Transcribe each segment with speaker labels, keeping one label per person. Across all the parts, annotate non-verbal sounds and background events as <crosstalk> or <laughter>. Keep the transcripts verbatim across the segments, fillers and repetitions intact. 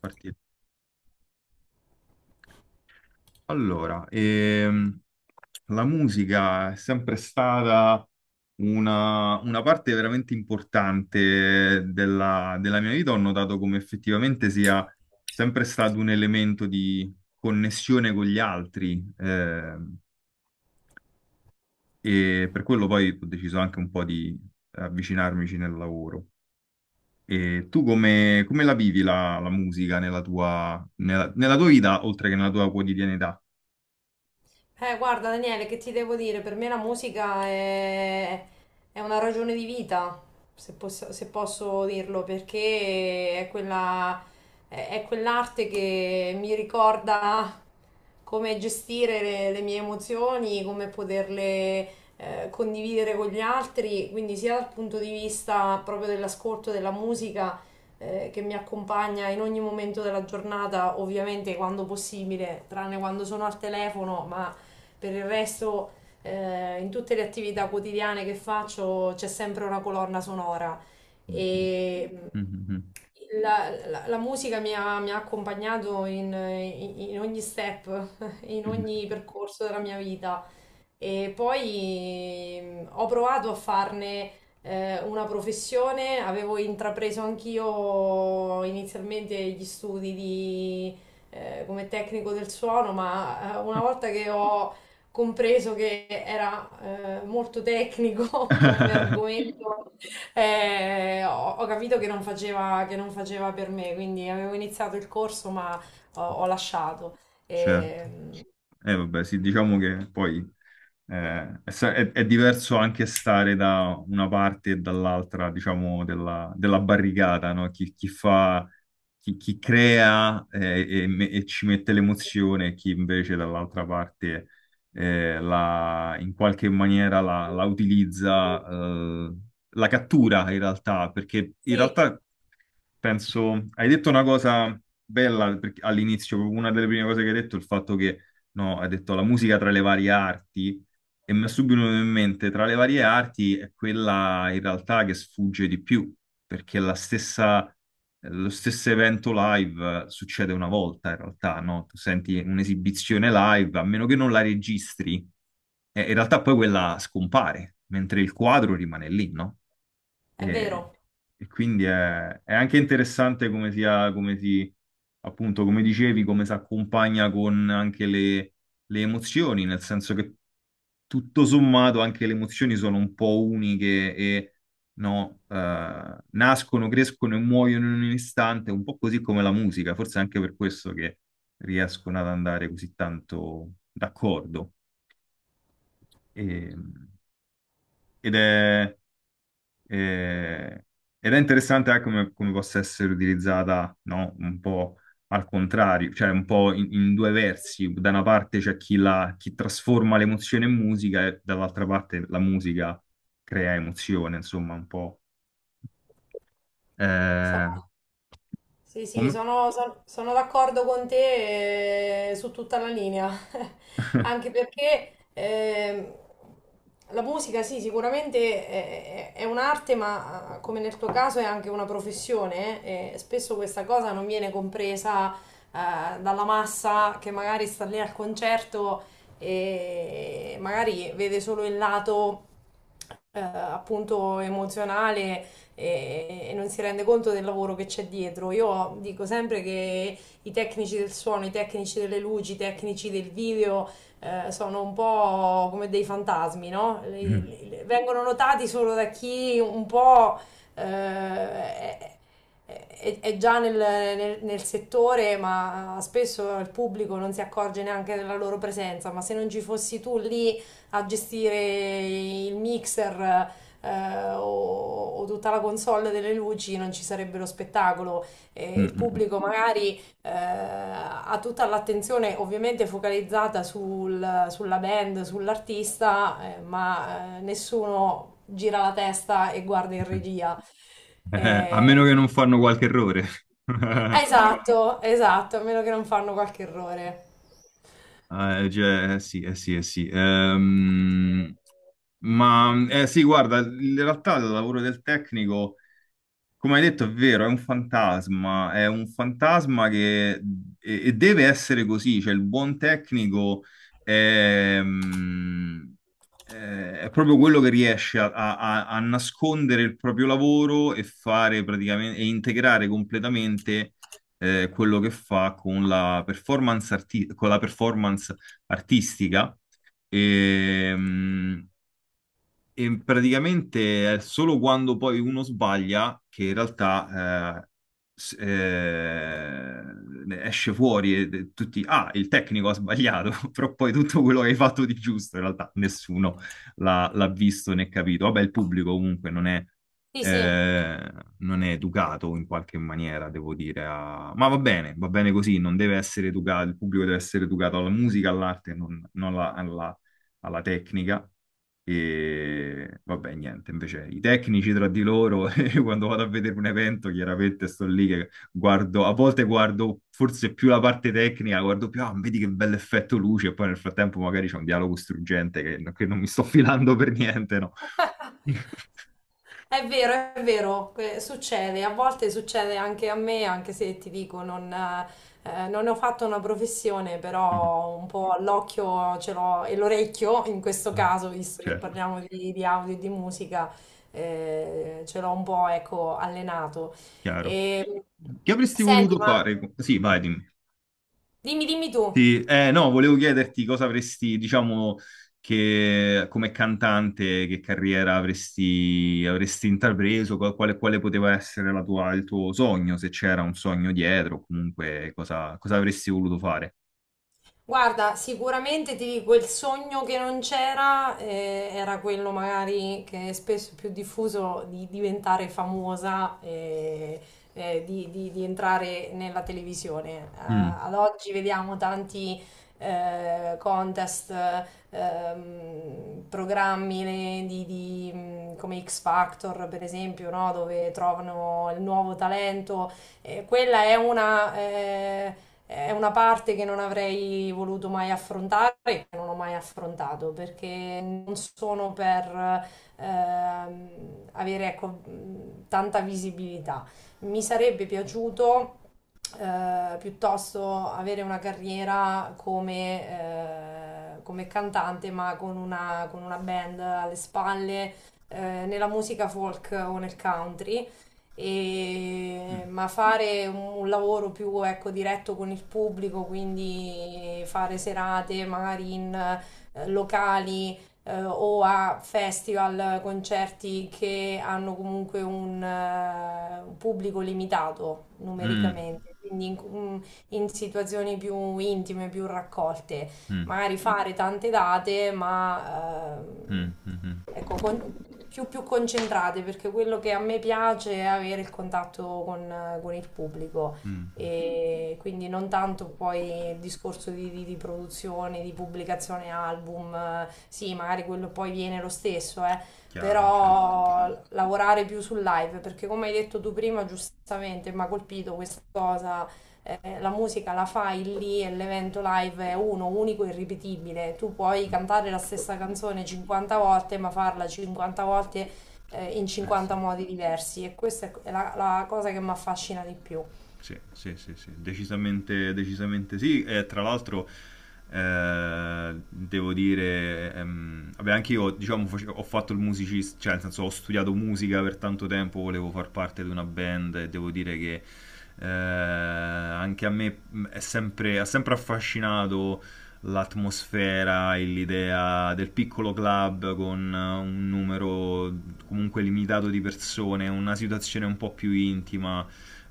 Speaker 1: Partito. Allora, ehm, la musica è sempre stata una, una parte veramente importante della, della mia vita. Ho notato come effettivamente sia sempre stato un elemento di connessione con gli altri, ehm, e per quello poi ho deciso anche un po' di avvicinarmici nel lavoro. E tu come, come la vivi la, la musica nella tua, nella, nella tua vita, oltre che nella tua quotidianità?
Speaker 2: Eh, guarda Daniele, che ti devo dire? Per me la musica è, è una ragione di vita, se posso, se posso dirlo, perché è quella, è, è quell'arte che mi ricorda come gestire le, le mie emozioni, come poterle eh, condividere con gli altri, quindi sia dal punto di vista proprio dell'ascolto della musica eh, che mi accompagna in ogni momento della giornata, ovviamente quando possibile, tranne quando sono al telefono, ma per il resto, eh, in tutte le attività quotidiane che faccio c'è sempre una colonna sonora
Speaker 1: Mm,
Speaker 2: e mm,
Speaker 1: mm, mm.
Speaker 2: la, la- la musica mi ha, mi ha accompagnato in, in ogni step, <laughs> in
Speaker 1: Mm.
Speaker 2: ogni percorso della mia vita. E poi mm, ho provato a farne eh, una professione, avevo intrapreso anch'io inizialmente gli studi di, eh, come tecnico del suono, ma eh, una volta che ho compreso che era eh, molto tecnico <laughs> come argomento, eh, ho, ho capito che non faceva, che non faceva per me, quindi avevo iniziato il corso ma ho, ho lasciato.
Speaker 1: Certo.
Speaker 2: Ehm,
Speaker 1: Eh, vabbè, sì, diciamo che poi eh, è, sa- è- è diverso anche stare da una parte e dall'altra, diciamo, della, della barricata, no? Chi, chi fa, chi, chi crea, eh, e, me- e ci mette l'emozione, e chi invece dall'altra parte, eh, la- in qualche maniera la, la utilizza, eh, la cattura in realtà, perché in
Speaker 2: sì,
Speaker 1: realtà, penso, hai detto una cosa bella perché- all'inizio, proprio una delle prime cose che hai detto, il fatto che, no, hai detto la musica tra le varie arti, e mi è subito venuto in mente, tra le varie arti è quella in realtà che sfugge di più, perché la stessa, lo stesso evento live succede una volta in realtà, no? Tu senti un'esibizione live, a meno che non la registri, e in realtà poi quella scompare, mentre il quadro rimane lì, no?
Speaker 2: è
Speaker 1: E,
Speaker 2: vero.
Speaker 1: e quindi è, è anche interessante come sia, come si, appunto, come dicevi, come si accompagna con anche le, le emozioni, nel senso che tutto sommato anche le emozioni sono un po' uniche e no, eh, nascono, crescono e muoiono in un istante, un po' così come la musica, forse anche per questo che riescono ad andare così tanto d'accordo. E- ed è. E- Ed è interessante anche come, come possa essere utilizzata, no? Un po' al contrario, cioè un po' in, in due versi. Da una parte c'è chi, la- chi trasforma l'emozione in musica e dall'altra parte la musica crea emozione, insomma, un po'. Eh,
Speaker 2: Stavo- Sì, sì,
Speaker 1: come?
Speaker 2: sono, son- sono d'accordo con te eh, su tutta la linea, <laughs> anche perché ehm, la musica, sì, sicuramente è, è- è un'arte, ma ah, come nel tuo caso è anche una professione, eh, e spesso questa cosa non viene compresa eh, dalla massa che magari sta lì al concerto e magari vede solo il lato eh, appunto emozionale e, e non si rende conto del lavoro che c'è dietro. Io dico sempre che i tecnici del suono, i tecnici delle luci, i tecnici del video eh, sono un po' come dei fantasmi, no? Le- le-
Speaker 1: <laughs>
Speaker 2: le- vengono notati solo da chi un po' eh, è, è- è già nel, nel- nel settore, ma spesso il pubblico non si accorge neanche della loro presenza. Ma se non ci fossi tu lì a gestire il mixer, eh, o, o tutta la console delle luci non ci sarebbe lo spettacolo e
Speaker 1: Mm,
Speaker 2: il
Speaker 1: mm,
Speaker 2: pubblico magari eh, ha tutta l'attenzione ovviamente focalizzata sul- sulla band, sull'artista, eh, ma eh, nessuno gira la testa e guarda in
Speaker 1: mm.
Speaker 2: regia.
Speaker 1: Eh, a meno
Speaker 2: Eh,
Speaker 1: che non fanno qualche errore. <laughs>
Speaker 2: esatto, esatto, a meno che non fanno qualche errore.
Speaker 1: Eh, cioè, eh sì, eh sì, eh sì. Ehm, ma eh sì, guarda, in realtà il lavoro del tecnico. Come hai detto, è vero, è un fantasma, è un fantasma che e, e deve essere così, cioè il buon tecnico è, mm, è- è proprio quello che riesce a, a- a- a nascondere il proprio lavoro e fare praticamente e integrare completamente, eh, quello che fa con la performance arti- con la performance artistica. Ehm, e praticamente è solo quando poi uno sbaglia che in realtà, eh, s- eh, ne esce fuori e e tutti, ah, il tecnico ha sbagliato, <laughs> però poi tutto quello che hai fatto di giusto in realtà nessuno l'ha l'ha visto né capito. Vabbè, il pubblico comunque non è,
Speaker 2: Sì, sì.
Speaker 1: eh, non è educato in qualche maniera, devo dire, a- ma va bene, va bene così, non deve essere educato, il pubblico deve essere educato alla musica, all'arte, non, non alla alla- alla tecnica. E vabbè, niente, invece i tecnici tra di loro, <laughs> e quando vado a vedere un evento, chiaramente sto lì che guardo, a volte guardo forse più la parte tecnica, guardo più, ah, vedi che bel effetto luce, e poi nel frattempo magari c'è un dialogo struggente che, che non mi sto <laughs> filando per niente, no?
Speaker 2: È vero, è vero, que- succede, a volte succede anche a me, anche se ti dico, non, eh, non ne ho fatto una professione, però un
Speaker 1: <laughs>
Speaker 2: po' l'occhio ce l'ho e l'orecchio, in questo caso, visto che
Speaker 1: Certo,
Speaker 2: parliamo di, di audio e di musica, eh, ce l'ho un po', ecco, allenato.
Speaker 1: chiaro.
Speaker 2: E,
Speaker 1: Che avresti
Speaker 2: senti,
Speaker 1: voluto
Speaker 2: ma
Speaker 1: fare? Sì, vai, dimmi.
Speaker 2: dimmi, dimmi tu.
Speaker 1: Sì, eh, no, volevo chiederti cosa avresti, diciamo, che come cantante, che carriera avresti, avresti intrapreso, qual- quale, quale poteva essere la tua- il tuo sogno, se c'era un sogno dietro, comunque cosa, cosa avresti voluto fare.
Speaker 2: Guarda, sicuramente ti dico, il sogno che non c'era eh, era quello magari che è spesso più diffuso di diventare famosa, eh, eh, di, di- di entrare nella televisione. Eh,
Speaker 1: Mm,
Speaker 2: ad oggi vediamo tanti eh, contest, ehm, programmi ne- di, di, mh, come X Factor, per esempio, no? Dove trovano il nuovo talento. Eh, quella è una... eh, è una parte che non avrei voluto mai affrontare, che non ho mai affrontato, perché non sono per ehm, avere ecco, mh, tanta visibilità. Mi sarebbe piaciuto eh, piuttosto avere una carriera come, eh, come cantante, ma con una, con una band alle spalle, eh, nella musica folk o nel country e-
Speaker 1: mm,
Speaker 2: ma fare un lavoro più ecco, diretto con il pubblico, quindi fare serate magari in eh, locali eh, o a festival, concerti che hanno comunque un, eh, un pubblico limitato
Speaker 1: mm,
Speaker 2: numericamente, quindi in, mm, in situazioni più intime, più raccolte,
Speaker 1: mm,
Speaker 2: magari fare tante date, ma
Speaker 1: mm,
Speaker 2: ehm,
Speaker 1: mm, mm,
Speaker 2: ecco, con- più, più concentrate, perché quello che a me piace è avere il contatto con, con il pubblico
Speaker 1: mm,
Speaker 2: e quindi non tanto poi il discorso di, di- di produzione, di pubblicazione album, eh, sì, magari quello poi viene lo stesso, eh,
Speaker 1: chiaro, certo.
Speaker 2: però lavorare più sul live, perché come hai detto tu prima, giustamente, mi ha colpito questa cosa eh, la musica la fai lì e l'evento live è uno, unico e irripetibile. Tu puoi cantare la stessa canzone cinquanta volte, ma farla cinquanta volte eh, in
Speaker 1: Eh sì.
Speaker 2: cinquanta modi diversi e questa è la, la cosa che mi affascina di più.
Speaker 1: Sì, sì, sì, sì, decisamente, decisamente sì. E tra l'altro, eh, devo dire, ehm, vabbè, anche io, diciamo, face- ho fatto il musicista, cioè, nel senso, ho studiato musica per tanto tempo, volevo far parte di una band e devo dire che eh, anche a me mh, è sempre, ha sempre affascinato l'atmosfera e l'idea del piccolo club con eh, un numero comunque limitato di persone, una situazione un po' più intima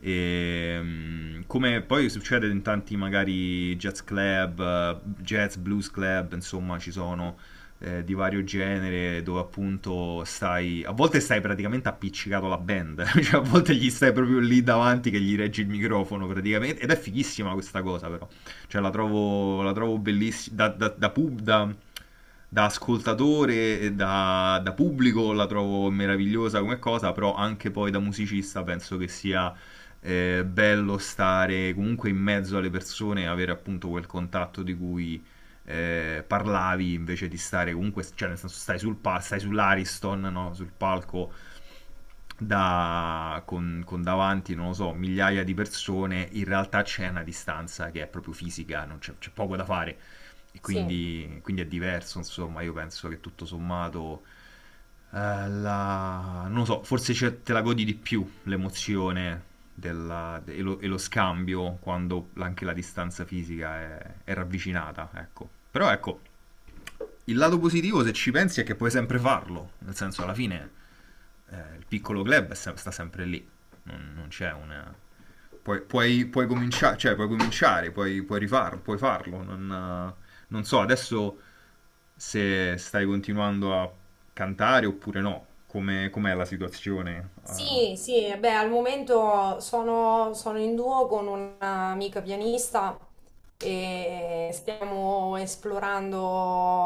Speaker 1: e, mm, come poi succede in tanti magari jazz club, eh, jazz blues club, insomma ci sono eh, di vario genere dove appunto stai, a volte stai praticamente appiccicato alla band, <laughs> cioè a volte gli stai proprio lì davanti che gli reggi il microfono praticamente ed è fighissima questa cosa però, cioè la trovo, la trovo bellissima, da, da, da pub, da, da ascoltatore e da, da pubblico la trovo meravigliosa come cosa, però anche poi da musicista penso che sia, eh, bello stare comunque in mezzo alle persone, e avere appunto quel contatto di cui eh, parlavi invece di stare comunque, cioè nel senso stai sul pal- stai sull'Ariston, no? Sul palco da- con, con davanti, non lo so, migliaia di persone, in realtà c'è una distanza che è proprio fisica, non c'è, c'è poco da fare. E
Speaker 2: Sì.
Speaker 1: quindi, quindi è diverso, insomma, io penso che tutto sommato, eh, la- non lo so, forse c'è- te la godi di più l'emozione della- de- e, lo, e lo scambio quando anche la distanza fisica è, è ravvicinata, ecco. Però ecco, il lato positivo, se ci pensi, è che puoi sempre farlo. Nel senso, alla fine, eh, il piccolo club è sem- sta sempre lì. Non, non c'è una. Puoi, puoi, puoi cominciare, cioè, puoi cominciare, puoi, puoi rifarlo, puoi farlo. Non, eh, non so adesso se stai continuando a cantare oppure no. Come, com'è la situazione? Eh.
Speaker 2: Sì, sì, beh, al momento sono, sono in duo con un'amica pianista e stiamo esplorando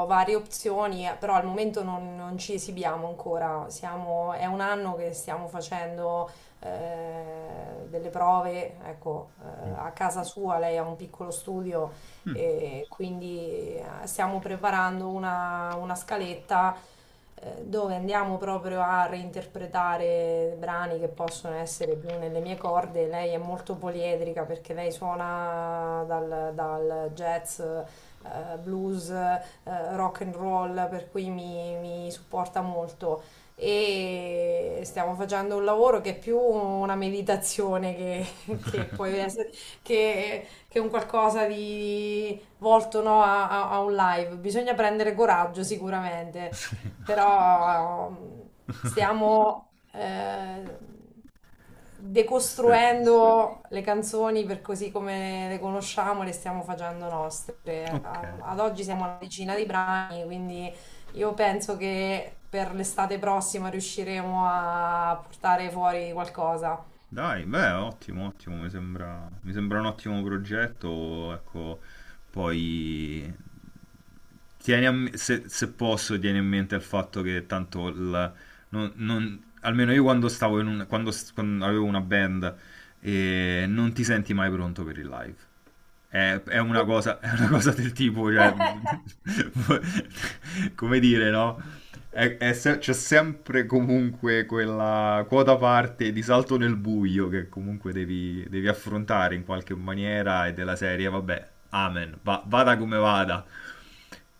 Speaker 2: varie opzioni, eh, però al momento non, non ci esibiamo ancora. Siamo- è un anno che stiamo facendo eh, delle prove, ecco, eh, a casa sua, lei ha un piccolo studio
Speaker 1: Mm.
Speaker 2: e quindi eh, stiamo preparando una, una scaletta eh, dove andiamo proprio a reinterpretare brani che possono essere più nelle mie corde. Lei è molto poliedrica perché lei suona dal, dal jazz, eh, blues, eh, rock and roll, per cui mi, mi supporta molto. E stiamo facendo un lavoro che è più una meditazione che, <laughs> che può essere, che che è un qualcosa di volto no, a, a- a un live. Bisogna prendere coraggio sicuramente, però ehm,
Speaker 1: <laughs>
Speaker 2: stiamo eh,
Speaker 1: Ste-
Speaker 2: decostruendo le canzoni per così come le conosciamo, le stiamo facendo nostre.
Speaker 1: Ok.
Speaker 2: A- Ad oggi siamo alla decina di brani, quindi io penso che per l'estate prossima riusciremo a portare fuori qualcosa.
Speaker 1: Dai, beh, ottimo, ottimo, mi sembra, mi sembra un ottimo progetto, ecco, poi tieni a me- se, se posso, tieni in mente il fatto che tanto il- non- non- almeno io quando stavo in un, quando, s- quando avevo una band, eh, non ti senti mai pronto per il live. È, è una cosa, è una cosa del tipo, cioè, <laughs> come dire, no? È- è se- C'è sempre comunque quella quota parte di salto nel buio che comunque devi, devi affrontare in qualche maniera e della serie, vabbè, amen, va- vada come vada.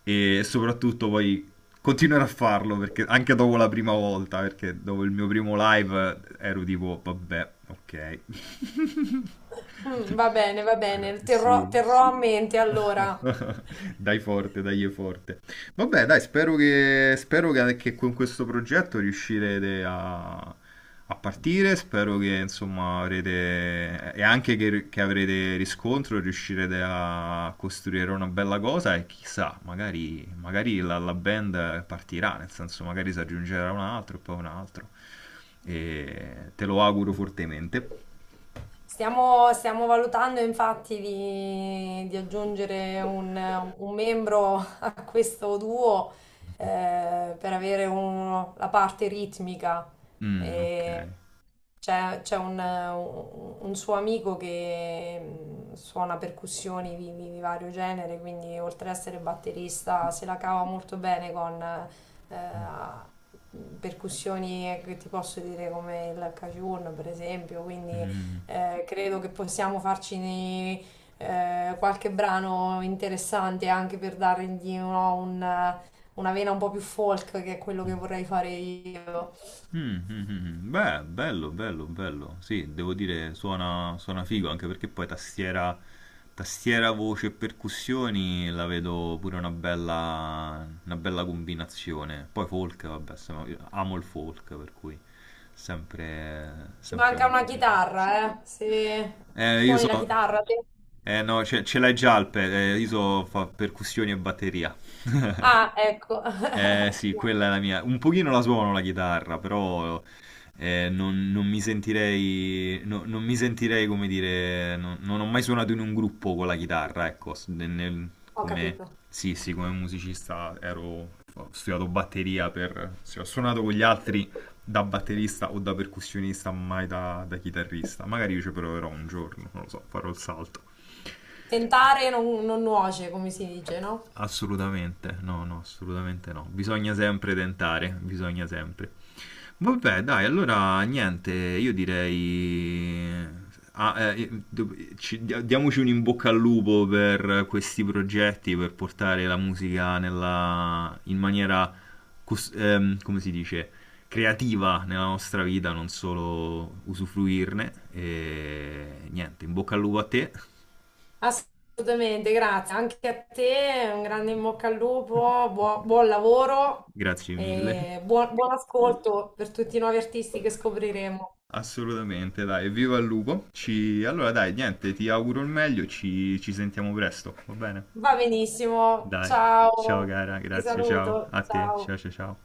Speaker 1: E soprattutto poi continuerò a farlo perché anche dopo la prima volta, perché dopo il mio primo live eh, ero tipo, vabbè, ok. <laughs>
Speaker 2: Mm, va bene, va
Speaker 1: Però-
Speaker 2: bene,
Speaker 1: eh,
Speaker 2: terrò,
Speaker 1: sì.
Speaker 2: terrò a mente allora.
Speaker 1: <laughs> Dai forte, dai forte. Vabbè, dai, spero che, spero che, che con questo progetto riuscirete a, a partire. Spero che insomma avrete e anche che, che avrete riscontro, riuscirete a costruire una bella cosa. E chissà, magari, magari la, la band partirà, nel senso, magari si aggiungerà un altro e poi un altro. E te lo auguro fortemente.
Speaker 2: Stiamo, stiamo valutando infatti di, di aggiungere un, un membro a questo duo eh, per avere un- la parte ritmica.
Speaker 1: Mm, ok.
Speaker 2: E c'è c'è un, un suo amico che mh, suona percussioni di, di- di vario genere, quindi oltre ad essere batterista se la cava molto bene con eh, percussioni che ti posso dire come il cajun per esempio, quindi eh, credo che possiamo farci eh, qualche brano interessante anche per dargli no, un- una vena un po' più folk, che è quello che
Speaker 1: Mm.
Speaker 2: vorrei fare io.
Speaker 1: Mm, mm, mm, mm. Beh, bello, bello, bello. Sì, devo dire, suona, suona figo, anche perché poi tastiera, tastiera, voce e percussioni la vedo pure una bella, una bella combinazione. Poi folk, vabbè, siamo- io amo il folk, per cui sempre,
Speaker 2: Ci
Speaker 1: sempre
Speaker 2: manca una
Speaker 1: molto figo.
Speaker 2: chitarra, eh? Se
Speaker 1: Eh, io
Speaker 2: suoni la
Speaker 1: so,
Speaker 2: chitarra te?
Speaker 1: eh no, ce, ce l'hai già il pe- eh, io so fa percussioni e batteria. <laughs>
Speaker 2: Ah, ecco.
Speaker 1: Eh sì,
Speaker 2: <laughs>
Speaker 1: quella è la mia. Un pochino la suono la chitarra, però eh, non, non mi sentirei, no- non mi sentirei, come dire, non, non ho mai suonato in un gruppo con la chitarra, ecco, s- nel- nel-
Speaker 2: Ho
Speaker 1: come,
Speaker 2: capito.
Speaker 1: sì, sì, come musicista ero, ho studiato batteria per, sì, ho suonato con gli altri da batterista o da percussionista, mai da, da chitarrista. Magari io ci proverò un giorno, non lo so, farò il salto.
Speaker 2: Tentare non, non nuoce, come si dice, no?
Speaker 1: Assolutamente, no, no, assolutamente no. Bisogna sempre tentare, bisogna sempre. Vabbè, dai, allora niente, io direi... Ah, eh, eh, do- ci- dia- diamoci un in bocca al lupo per questi progetti, per portare la musica nella, in maniera, cos- ehm, come si dice, creativa nella nostra vita, non solo usufruirne. E niente, in bocca al lupo a te.
Speaker 2: Assolutamente, grazie. Anche a te, un grande in bocca al lupo, buo-
Speaker 1: <laughs>
Speaker 2: buon lavoro
Speaker 1: Grazie mille.
Speaker 2: e buon, buon ascolto per tutti i nuovi artisti che scopriremo.
Speaker 1: Assolutamente, dai, viva il lupo. Ci... Allora dai, niente, ti auguro il meglio, ci ci sentiamo presto, va bene?
Speaker 2: Va benissimo,
Speaker 1: Dai, ciao
Speaker 2: ciao,
Speaker 1: cara,
Speaker 2: ti
Speaker 1: grazie, ciao
Speaker 2: saluto,
Speaker 1: a te,
Speaker 2: ciao.
Speaker 1: ciao ciao ciao.